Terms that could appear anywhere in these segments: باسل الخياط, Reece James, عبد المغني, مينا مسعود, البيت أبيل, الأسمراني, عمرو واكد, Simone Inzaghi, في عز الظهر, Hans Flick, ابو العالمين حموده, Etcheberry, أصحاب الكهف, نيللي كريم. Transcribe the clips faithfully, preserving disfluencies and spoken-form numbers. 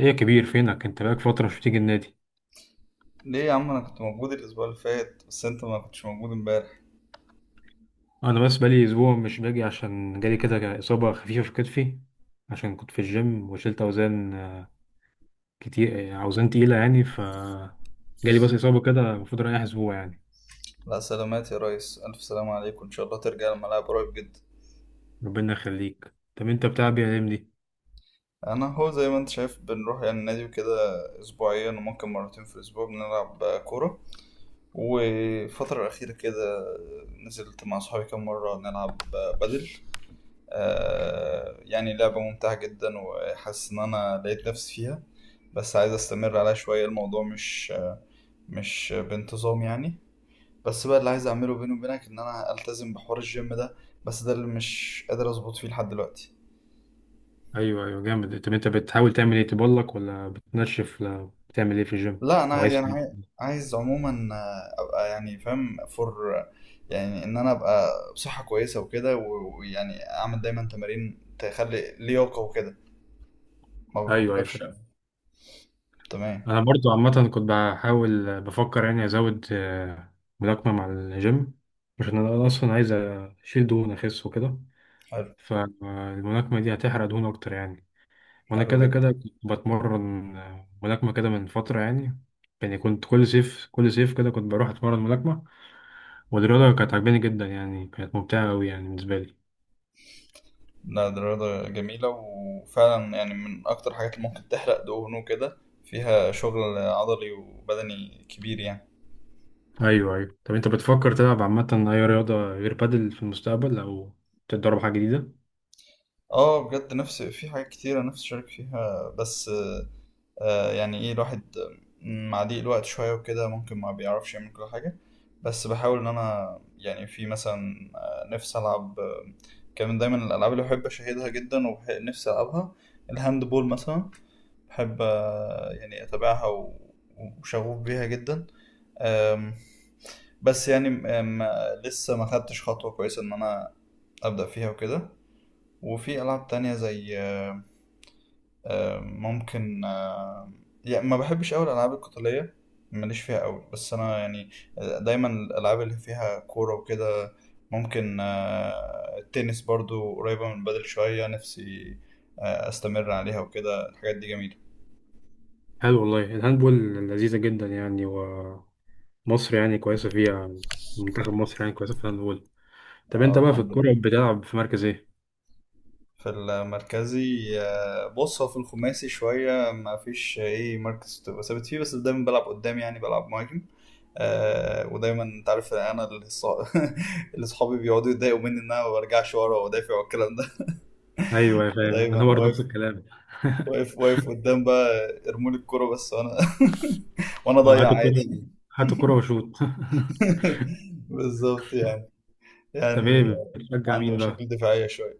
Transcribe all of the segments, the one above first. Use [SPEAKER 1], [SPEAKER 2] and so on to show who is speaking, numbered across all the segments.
[SPEAKER 1] ايه يا كبير، فينك انت؟ بقالك فترة مش بتيجي النادي.
[SPEAKER 2] ليه يا عم، انا كنت موجود الاسبوع اللي فات، بس انت ما كنتش موجود امبارح.
[SPEAKER 1] انا بس بقالي اسبوع مش باجي، عشان جالي كده اصابة خفيفة في كتفي. عشان كنت في الجيم وشلت اوزان آه، كتير، آه، اوزان تقيلة يعني ف جالي بس اصابة كده، المفروض رايح اسبوع يعني.
[SPEAKER 2] لا، سلامات يا ريس، الف سلام عليك، وان شاء الله ترجع الملعب قريب جدا.
[SPEAKER 1] ربنا يخليك. طب انت بتاع بي دي؟
[SPEAKER 2] انا هو زي ما انت شايف بنروح يعني النادي وكده اسبوعيا، وممكن مرتين في الاسبوع بنلعب كوره. والفتره الاخيره كده نزلت مع صحابي كام مره نلعب بدل. آه يعني لعبه ممتعه جدا، وحاسس ان انا لقيت نفسي فيها. بس عايز استمر عليها شويه. الموضوع مش مش بانتظام يعني. بس بقى اللي عايز اعمله بيني وبينك ان انا التزم بحوار الجيم ده، بس ده اللي مش قادر اظبط فيه لحد دلوقتي.
[SPEAKER 1] ايوه، ايوه، جامد. طب انت بتحاول تعمل ايه؟ تبلك ولا بتنشف ولا بتعمل ايه في الجيم
[SPEAKER 2] لا، انا
[SPEAKER 1] وعايز
[SPEAKER 2] يعني
[SPEAKER 1] تعمل
[SPEAKER 2] عاي-
[SPEAKER 1] إيه؟
[SPEAKER 2] عايز عموما، آه، ابقى يعني فاهم فور، يعني ان انا ابقى بصحة كويسة وكده، و- ويعني اعمل دايما تمارين تخلي لياقة وكده. ما
[SPEAKER 1] ايوه، ايوه،
[SPEAKER 2] بفكرش
[SPEAKER 1] فاهم.
[SPEAKER 2] يعني. تمام.
[SPEAKER 1] انا برضو عامه كنت بحاول بفكر يعني ازود آه، ملاكمه مع الجيم، عشان انا اصلا عايز اشيل دهون اخس وكده.
[SPEAKER 2] حلو.
[SPEAKER 1] فالملاكمه دي هتحرق دهون اكتر يعني. وانا
[SPEAKER 2] حلو
[SPEAKER 1] كده
[SPEAKER 2] جدا.
[SPEAKER 1] كده كنت بتمرن آه، ملاكمه كده من فتره يعني. يعني كنت كل صيف كل صيف كده كنت بروح اتمرن ملاكمه. والرياضه كانت عجباني جدا، يعني كانت ممتعه قوي يعني بالنسبه لي.
[SPEAKER 2] لا، دي رياضة جميلة، وفعلا يعني من اكتر حاجات اللي ممكن تحرق دهون وكده، فيها شغل عضلي وبدني كبير يعني.
[SPEAKER 1] ايوه، ايوه. طب انت بتفكر تلعب عامه اي رياضه غير بادل في المستقبل، او تتدرب حاجه جديده؟
[SPEAKER 2] اه بجد، نفس في حاجات كتيرة نفسي أشارك فيها، بس آه آه، يعني ايه الواحد، مع ضيق الوقت شوية وكده ممكن ما بيعرفش يعمل كل حاجة. بس بحاول إن أنا يعني في مثلا آه، نفسي ألعب آه، كان من دايما الألعاب اللي بحب أشاهدها جدا ونفسي ألعبها الهاند بول مثلا. بحب آه، يعني أتابعها و- وشغوف بيها جدا. آم، بس يعني آم، لسه ما خدتش خطوة كويسة إن أنا أبدأ فيها وكده. وفي ألعاب تانية زي آه، ممكن آه، يعني ما بحبش قوي الالعاب القتاليه، ماليش فيها قوي. بس انا يعني آه، دايما الالعاب اللي فيها كوره وكده. ممكن آه، التنس برضو قريبه من بدل شويه، نفسي آه، استمر عليها وكده. الحاجات دي جميله.
[SPEAKER 1] حلو والله، الهاندبول لذيذة جدا يعني. ومصر يعني كويسة فيها، منتخب مصر يعني كويسة في الهاندبول. طب
[SPEAKER 2] اه
[SPEAKER 1] انت بقى في
[SPEAKER 2] الحمد
[SPEAKER 1] الكورة
[SPEAKER 2] لله.
[SPEAKER 1] بتلعب في مركز ايه؟
[SPEAKER 2] في المركزي، آه، بص، هو في الخماسي شويه ما فيش ايه مركز تبقى ثابت فيه، بس دايما بلعب قدام يعني بلعب مهاجم. آه ودايما انت عارف، انا اللي صا- اللي صحابي بيقعدوا يتضايقوا مني ان انا ما برجعش ورا وادافع والكلام ده.
[SPEAKER 1] ايوه يا فاهم،
[SPEAKER 2] فدايما
[SPEAKER 1] انا برضه نفس
[SPEAKER 2] واقف،
[SPEAKER 1] الكلام.
[SPEAKER 2] واقف واقف قدام. بقى ارمولي الكوره بس وانا وانا
[SPEAKER 1] اه،
[SPEAKER 2] اضيع
[SPEAKER 1] هاتوا كورة،
[SPEAKER 2] عادي.
[SPEAKER 1] هاتوا كورة وشوط
[SPEAKER 2] بالظبط يعني
[SPEAKER 1] طب
[SPEAKER 2] يعني
[SPEAKER 1] ايه بتشجع
[SPEAKER 2] عنده
[SPEAKER 1] مين بقى؟
[SPEAKER 2] مشاكل دفاعيه شويه.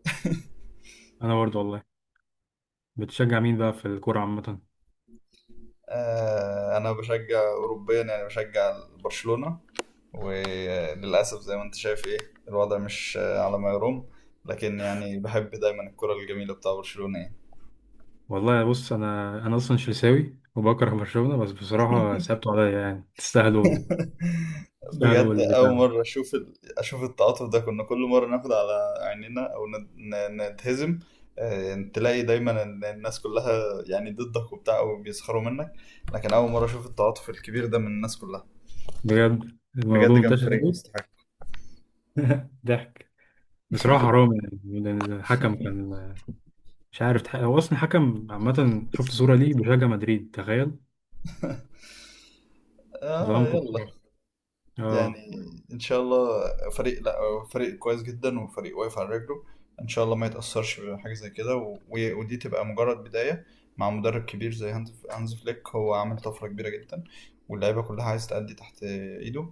[SPEAKER 1] انا برضه والله. بتشجع مين بقى في الكورة عامة؟
[SPEAKER 2] آه انا بشجع اوروبيا، يعني بشجع برشلونه. وللاسف زي ما انت شايف، ايه، الوضع مش آه، على ما يرام، لكن يعني بحب دايما الكره الجميله بتاع برشلونه يعني.
[SPEAKER 1] والله بص، انا انا اصلا شلساوي وبكره برشلونة، بس بصراحة سابتوا عليا. يعني تستاهلوا
[SPEAKER 2] بجد،
[SPEAKER 1] تستاهلوا
[SPEAKER 2] أول
[SPEAKER 1] البتاع.
[SPEAKER 2] مرة أشوف ال... أشوف التعاطف ده. كنا كل مرة ناخد على عيننا أو ند... ن- نتهزم، آه، تلاقي دايما إن الناس كلها يعني ضدك وبتاع أو بيسخروا منك. لكن أول مرة أشوف التعاطف الكبير ده من الناس كلها.
[SPEAKER 1] بجد الموضوع
[SPEAKER 2] بجد كان
[SPEAKER 1] منتشر
[SPEAKER 2] فريق
[SPEAKER 1] قوي.
[SPEAKER 2] يستحق.
[SPEAKER 1] ضحك. بصراحة حرام يعني، لأن الحكم كان مش عارف تح- هو أصلا حكم. عامة شفت صورة ليه بيشجع مدريد، تخيل.
[SPEAKER 2] آه
[SPEAKER 1] ظلمكم
[SPEAKER 2] يلا،
[SPEAKER 1] بصراحة.
[SPEAKER 2] يعني
[SPEAKER 1] اه،
[SPEAKER 2] ان شاء الله. فريق، لا، هو فريق كويس جدا وفريق واقف على رجله. ان شاء الله ما يتاثرش بحاجه زي كده، و- و- ودي تبقى مجرد بدايه، مع مدرب كبير زي هانز هانز فليك. هو عامل طفره كبيره جدا، واللعيبه كلها عايز تأدي تحت ايده.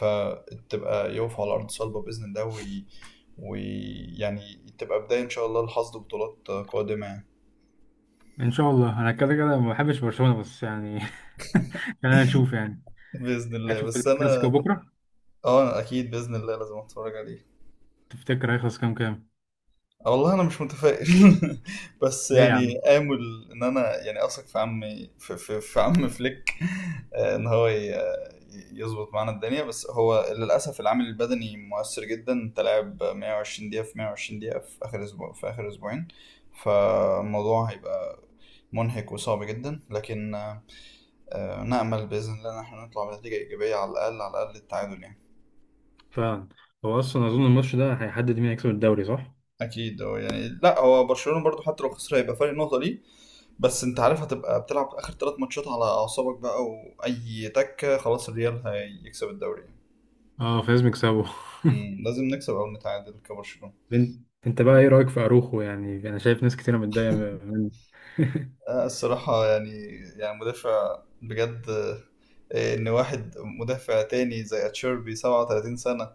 [SPEAKER 2] فتبقى يقف على ارض صلبه باذن الله وي... ويعني تبقى بدايه ان شاء الله لحصد بطولات قادمه يعني.
[SPEAKER 1] إن شاء الله. أنا كده كده ما بحبش برشلونة بس يعني خلينا نشوف يعني.
[SPEAKER 2] باذن الله.
[SPEAKER 1] هتشوف
[SPEAKER 2] بس
[SPEAKER 1] الكلاسيكو
[SPEAKER 2] انا
[SPEAKER 1] بكرة؟
[SPEAKER 2] اه اكيد باذن الله لازم اتفرج عليه.
[SPEAKER 1] تفتكر هيخلص كام كام؟
[SPEAKER 2] والله أنا مش متفائل. بس
[SPEAKER 1] ليه يا
[SPEAKER 2] يعني
[SPEAKER 1] عم؟
[SPEAKER 2] آمل إن أنا يعني أثق في عمي، في, في, في عم فليك، آه، إن هو ي- يظبط معانا الدنيا. بس هو للأسف العامل البدني مؤثر جدا. أنت لاعب مائة وعشرين دقيقة في مائة وعشرين دقيقة في آخر أسبوع في آخر أسبوعين، فالموضوع هيبقى منهك وصعب جدا، لكن آه، آه، نأمل بإذن الله إن احنا نطلع بنتيجة إيجابية، على الأقل على الأقل التعادل يعني.
[SPEAKER 1] فعلا. هو أصلا أظن الماتش ده هيحدد مين هيكسب الدوري، صح؟
[SPEAKER 2] أكيد. هو يعني لا، هو برشلونة برضو حتى لو خسر هيبقى فرق نقطة ليه، بس انت عارف هتبقى بتلعب اخر ثلاث ماتشات على اعصابك بقى، واي تكه خلاص الريال هيكسب الدوري.
[SPEAKER 1] اه، فلازم يكسبوا.
[SPEAKER 2] مم. لازم نكسب او نتعادل كبرشلونه.
[SPEAKER 1] انت أنت بقى ايه رأيك في اروخو؟ يعني انا شايف ناس كتيرة متضايقة منه.
[SPEAKER 2] آه، الصراحه يعني، يعني مدافع بجد، آه، ان واحد مدافع تاني زي اتشيربي سبعة وتلاتين سنه،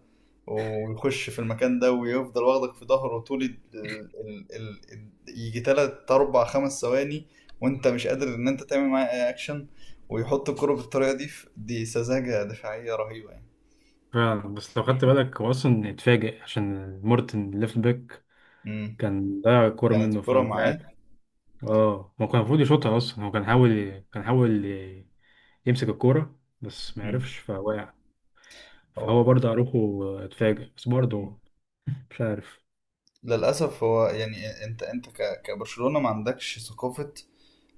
[SPEAKER 2] ويخش في المكان ده ويفضل واخدك في ظهره طول ال... ال... ال... ال... يجي تلات اربع خمس ثواني وانت مش قادر ان انت تعمل معاه اي اكشن، ويحط الكرة بالطريقة دي. في- دي سذاجة دفاعية رهيبة يعني.
[SPEAKER 1] فعلا، بس لو خدت بالك هو اصلا اتفاجئ، عشان مورتن ليفت باك
[SPEAKER 2] مم.
[SPEAKER 1] كان ضيع الكوره
[SPEAKER 2] كانت
[SPEAKER 1] منه،
[SPEAKER 2] الكرة
[SPEAKER 1] فمش عارف.
[SPEAKER 2] معاه.
[SPEAKER 1] اه، هو كان المفروض يشوطها اصلا. هو كان حاول كان حاول يمسك الكوره، بس ما
[SPEAKER 2] مم.
[SPEAKER 1] عرفش فوقع. فهو
[SPEAKER 2] هو.
[SPEAKER 1] برضه اروخو اتفاجئ، بس
[SPEAKER 2] مم.
[SPEAKER 1] برضه مش عارف.
[SPEAKER 2] للأسف هو يعني، أنت، أنت ك- كبرشلونة ما عندكش ثقافة،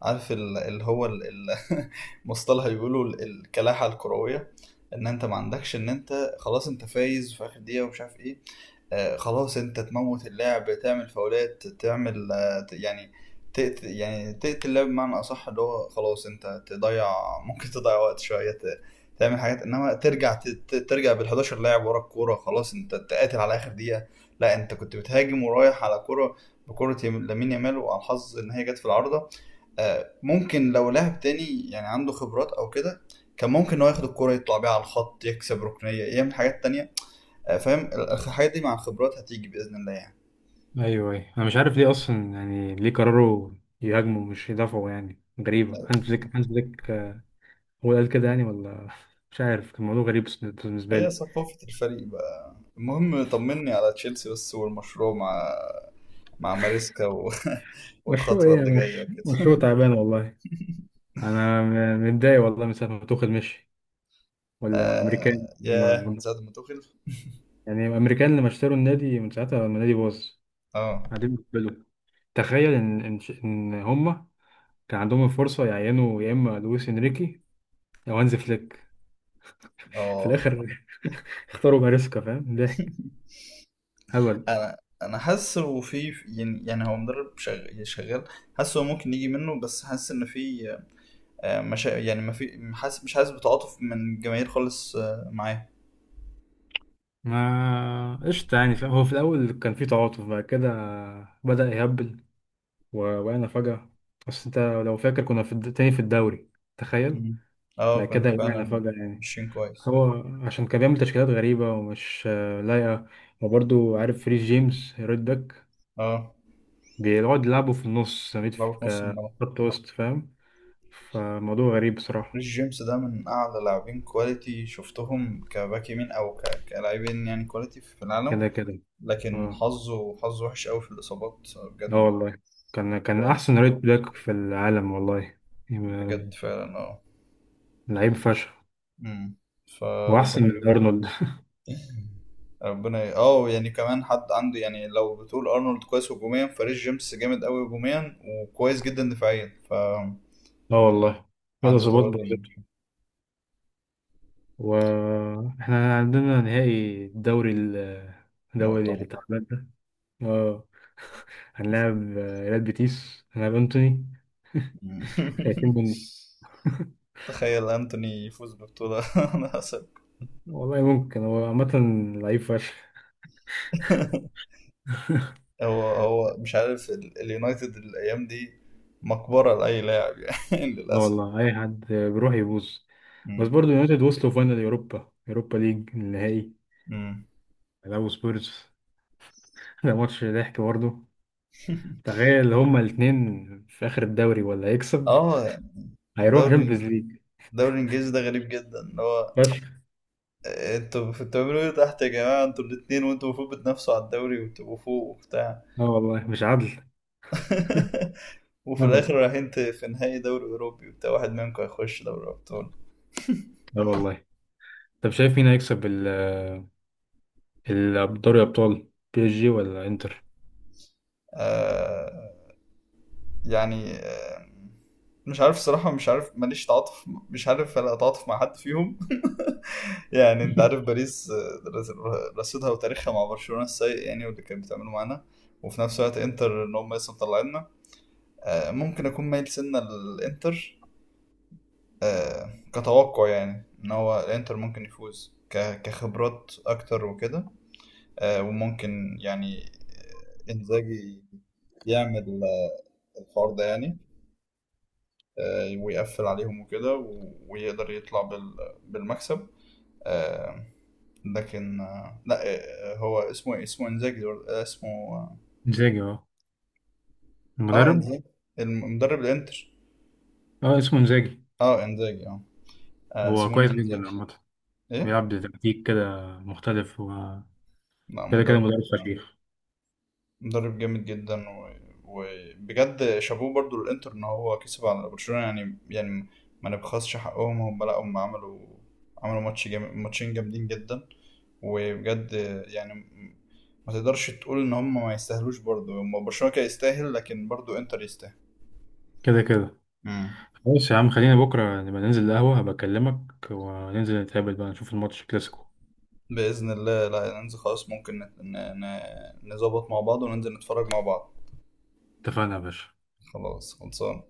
[SPEAKER 2] عارف ال- اللي هو ال- ال- مصطلح بيقولوا ال- الكلاحة الكروية. إن أنت ما عندكش، إن أنت خلاص أنت فايز في آخر دقيقة ومش عارف إيه، آه، خلاص انت تموت اللاعب، تعمل فاولات، تعمل آه، ت- يعني تقت يعني تقتل اللاعب بمعنى اصح، اللي هو خلاص انت تضيع. ممكن تضيع وقت شويه، ت- تعمل حاجات، انما ترجع، ت- ت- ترجع بال حداشر لاعب ورا الكوره، خلاص انت تقاتل على اخر دقيقه. لا، انت كنت بتهاجم ورايح على كوره بكره، يم- لامين يامال، وعلى الحظ ان هي جت في العارضه. آه، ممكن لو لاعب تاني يعني عنده خبرات او كده كان ممكن ان هو ياخد الكوره يطلع بيها على الخط يكسب ركنيه يعمل حاجات تانية، آه، فاهم. الحاجات دي مع الخبرات هتيجي باذن الله يعني.
[SPEAKER 1] ايوه، ايوه، انا مش عارف ليه اصلا. يعني ليه قرروا يهاجموا مش يدافعوا؟ يعني غريبه. هانز فليك هانز فليك هو اللي قال كده يعني ولا مش عارف. كان موضوع غريب بالنسبه
[SPEAKER 2] هي
[SPEAKER 1] لي.
[SPEAKER 2] ثقافه الفريق بقى. المهم طمني على تشيلسي بس، والمشروع مع مع ماريسكا و...
[SPEAKER 1] مشروع
[SPEAKER 2] والخطوه
[SPEAKER 1] ايه يا!
[SPEAKER 2] اللي جايه
[SPEAKER 1] مش
[SPEAKER 2] وكده.
[SPEAKER 1] مشروع، تعبان والله. انا م- متضايق والله من ساعه ما توخيل مشي. والامريكان.
[SPEAKER 2] آه... ياه، من ساعه ما توخيل.
[SPEAKER 1] يعني الامريكان لما اشتروا النادي، من ساعتها لما النادي باظ.
[SPEAKER 2] اه
[SPEAKER 1] قاعدين بيقبلوا. تخيل ان ان ش- ان هم كان عندهم الفرصه يعينوا يا اما لويس انريكي، او هانز فليك. في
[SPEAKER 2] اه.
[SPEAKER 1] الاخر اختاروا ماريسكا، فاهم، ضحك. هبل.
[SPEAKER 2] انا انا حاسس إنه في، يعني يعني هو مدرب شغ- شغال. حاسس هو ممكن يجي منه، بس حاسس ان في آه، مشا... يعني ما في، حاسس، مش حاسس بتعاطف من الجماهير خالص آه، معاه.
[SPEAKER 1] ما قشطة يعني، فاهم. هو في الأول كان في تعاطف، بعد كده بدأ يهبل و- وقعنا فجأة. بس أنت لو فاكر كنا في الد- تاني في الدوري، تخيل.
[SPEAKER 2] مم.
[SPEAKER 1] بعد
[SPEAKER 2] اه
[SPEAKER 1] كده
[SPEAKER 2] كنت
[SPEAKER 1] وقعنا
[SPEAKER 2] فعلا
[SPEAKER 1] فجأة يعني.
[SPEAKER 2] ماشيين كويس.
[SPEAKER 1] هو عشان كان بيعمل تشكيلات غريبة ومش آه، لايقة. وبرضه عارف، فريز جيمس رايت باك
[SPEAKER 2] اه،
[SPEAKER 1] بيقعد يلعبه في النص ميد في-
[SPEAKER 2] ضربة نص الملعب.
[SPEAKER 1] كخط وسط، فاهم. فالموضوع غريب
[SPEAKER 2] ريس
[SPEAKER 1] بصراحة.
[SPEAKER 2] جيمس ده من أعلى لاعبين كواليتي شفتهم كباك يمين، أو ك- كلاعبين يعني كواليتي في العالم،
[SPEAKER 1] كده كده.
[SPEAKER 2] لكن
[SPEAKER 1] اه.
[SPEAKER 2] حظه حظه وحش أوي في الإصابات.
[SPEAKER 1] اه
[SPEAKER 2] بجد
[SPEAKER 1] والله، كان كان
[SPEAKER 2] الموضوع
[SPEAKER 1] أحسن
[SPEAKER 2] صعب.
[SPEAKER 1] رايت باك في العالم والله. يبقى
[SPEAKER 2] بجد فعلا. اه.
[SPEAKER 1] لعيب فشخ.
[SPEAKER 2] أمم.
[SPEAKER 1] وأحسن
[SPEAKER 2] فربنا يبارك.
[SPEAKER 1] من أرنولد.
[SPEAKER 2] ربنا ي... اه يعني كمان حد عنده، يعني لو بتقول أرنولد كويس هجوميا، فريس جيمس جامد أوي هجوميا وكويس جدا دفاعيا، فعنده
[SPEAKER 1] اه والله، كده ظباط
[SPEAKER 2] توازن.
[SPEAKER 1] بالظبط. واحنا عندنا نهائي الدوري ال- الدوري اللي
[SPEAKER 2] مؤتمر.
[SPEAKER 1] تعبان ده. اه. هنلاعب آه، ريال بيتيس، هنلاعب انتوني. خايفين
[SPEAKER 2] أمم.
[SPEAKER 1] منه.
[SPEAKER 2] تخيل أنتوني يفوز ببطولة. أنا.
[SPEAKER 1] والله ممكن، هو عامة لعيب فشخ.
[SPEAKER 2] هو هو مش عارف، ال- اليونايتد الايام دي مقبره لاي لاعب يعني،
[SPEAKER 1] لا
[SPEAKER 2] للاسف.
[SPEAKER 1] والله، أي حد بيروح يبوظ. بس
[SPEAKER 2] مم.
[SPEAKER 1] برضه يونايتد وصلوا فاينل، يوروبا يوروبا ليج النهائي.
[SPEAKER 2] مم.
[SPEAKER 1] لعبوا سبيرز. ده ماتش ضحك برضه. تخيل، هما الاتنين في آخر الدوري، ولا هيكسب
[SPEAKER 2] اه.
[SPEAKER 1] هيروح
[SPEAKER 2] الدوري
[SPEAKER 1] شامبيونز ليج.
[SPEAKER 2] الدوري الانجليزي ده غريب جدا، اللي هو
[SPEAKER 1] فشخ.
[SPEAKER 2] انتوا في- بتعملوا ايه تحت يا جماعه؟ انتوا الاتنين، وانتوا المفروض بتنافسوا على الدوري وتبقوا فوق وبتاع،
[SPEAKER 1] اه والله، مش عدل.
[SPEAKER 2] وفي
[SPEAKER 1] هبل.
[SPEAKER 2] الاخر رايحين ت- في نهائي دوري اوروبي وبتاع، واحد منكم هيخش دوري ابطال.
[SPEAKER 1] اه والله. طب شايف مين هيكسب ال ال- دوري أبطال؟ بي اس جي ولا انتر؟
[SPEAKER 2] آه يعني، آه، مش عارف صراحة، مش عارف، ماليش تعاطف، مش عارف أنا أتعاطف مع حد فيهم. يعني أنت عارف باريس، آه، رس- رصيدها وتاريخها مع برشلونة السيء يعني، واللي كانت بتعمله معانا. وفي نفس الوقت إنتر إن هم لسه مطلعيننا. آه، ممكن أكون مايل سنة للإنتر. آه، كتوقع يعني إن هو الإنتر ممكن يفوز ك- كخبرات أكتر وكده. آه، وممكن يعني آه، إنزاجي يعمل الحوار ده يعني، آه، ويقفل عليهم وكده، و- ويقدر يطلع بال- بالمكسب. آه، لكن آه، لا، آه، هو اسمه إيه؟ اسمه انزاجي ولا- آه، اسمه، اه
[SPEAKER 1] انزاجي، اه.
[SPEAKER 2] آه،
[SPEAKER 1] المدرب.
[SPEAKER 2] انزاجي، المدرب الانتر.
[SPEAKER 1] اه، اسمه انزاجي.
[SPEAKER 2] اه انزاجي اه. آه،
[SPEAKER 1] هو كويس
[SPEAKER 2] سيموني
[SPEAKER 1] جدا
[SPEAKER 2] انزاجي.
[SPEAKER 1] عامة.
[SPEAKER 2] ايه،
[SPEAKER 1] بيلعب بتكتيك كده مختلف و
[SPEAKER 2] لا،
[SPEAKER 1] كده كده
[SPEAKER 2] مدرب
[SPEAKER 1] مدرب
[SPEAKER 2] آه،
[SPEAKER 1] فشيخ.
[SPEAKER 2] مدرب جامد جدا و- وبجد شابوه برضو للانتر ان هو كسب على برشلونة يعني يعني ما نبخسش حقهم. هم، لا، هم عملوا عملوا ماتش جامد، ماتشين جامدين جدا، وبجد يعني ما تقدرش تقول ان هم ما يستاهلوش. برضو هم، برشلونة كان يستاهل، لكن برضو انتر يستاهل.
[SPEAKER 1] كده كده.
[SPEAKER 2] مم.
[SPEAKER 1] خلاص يا عم، خلينا بكرة نبقى ننزل القهوة، هبقى أكلمك. وننزل نتقابل بقى، نشوف الماتش كلاسيكو.
[SPEAKER 2] بإذن الله، لا ننزل خلاص، ممكن نت- ن- ن- نظبط مع بعض وننزل نتفرج مع بعض.
[SPEAKER 1] اتفقنا يا باشا.
[SPEAKER 2] خلاص خلصان.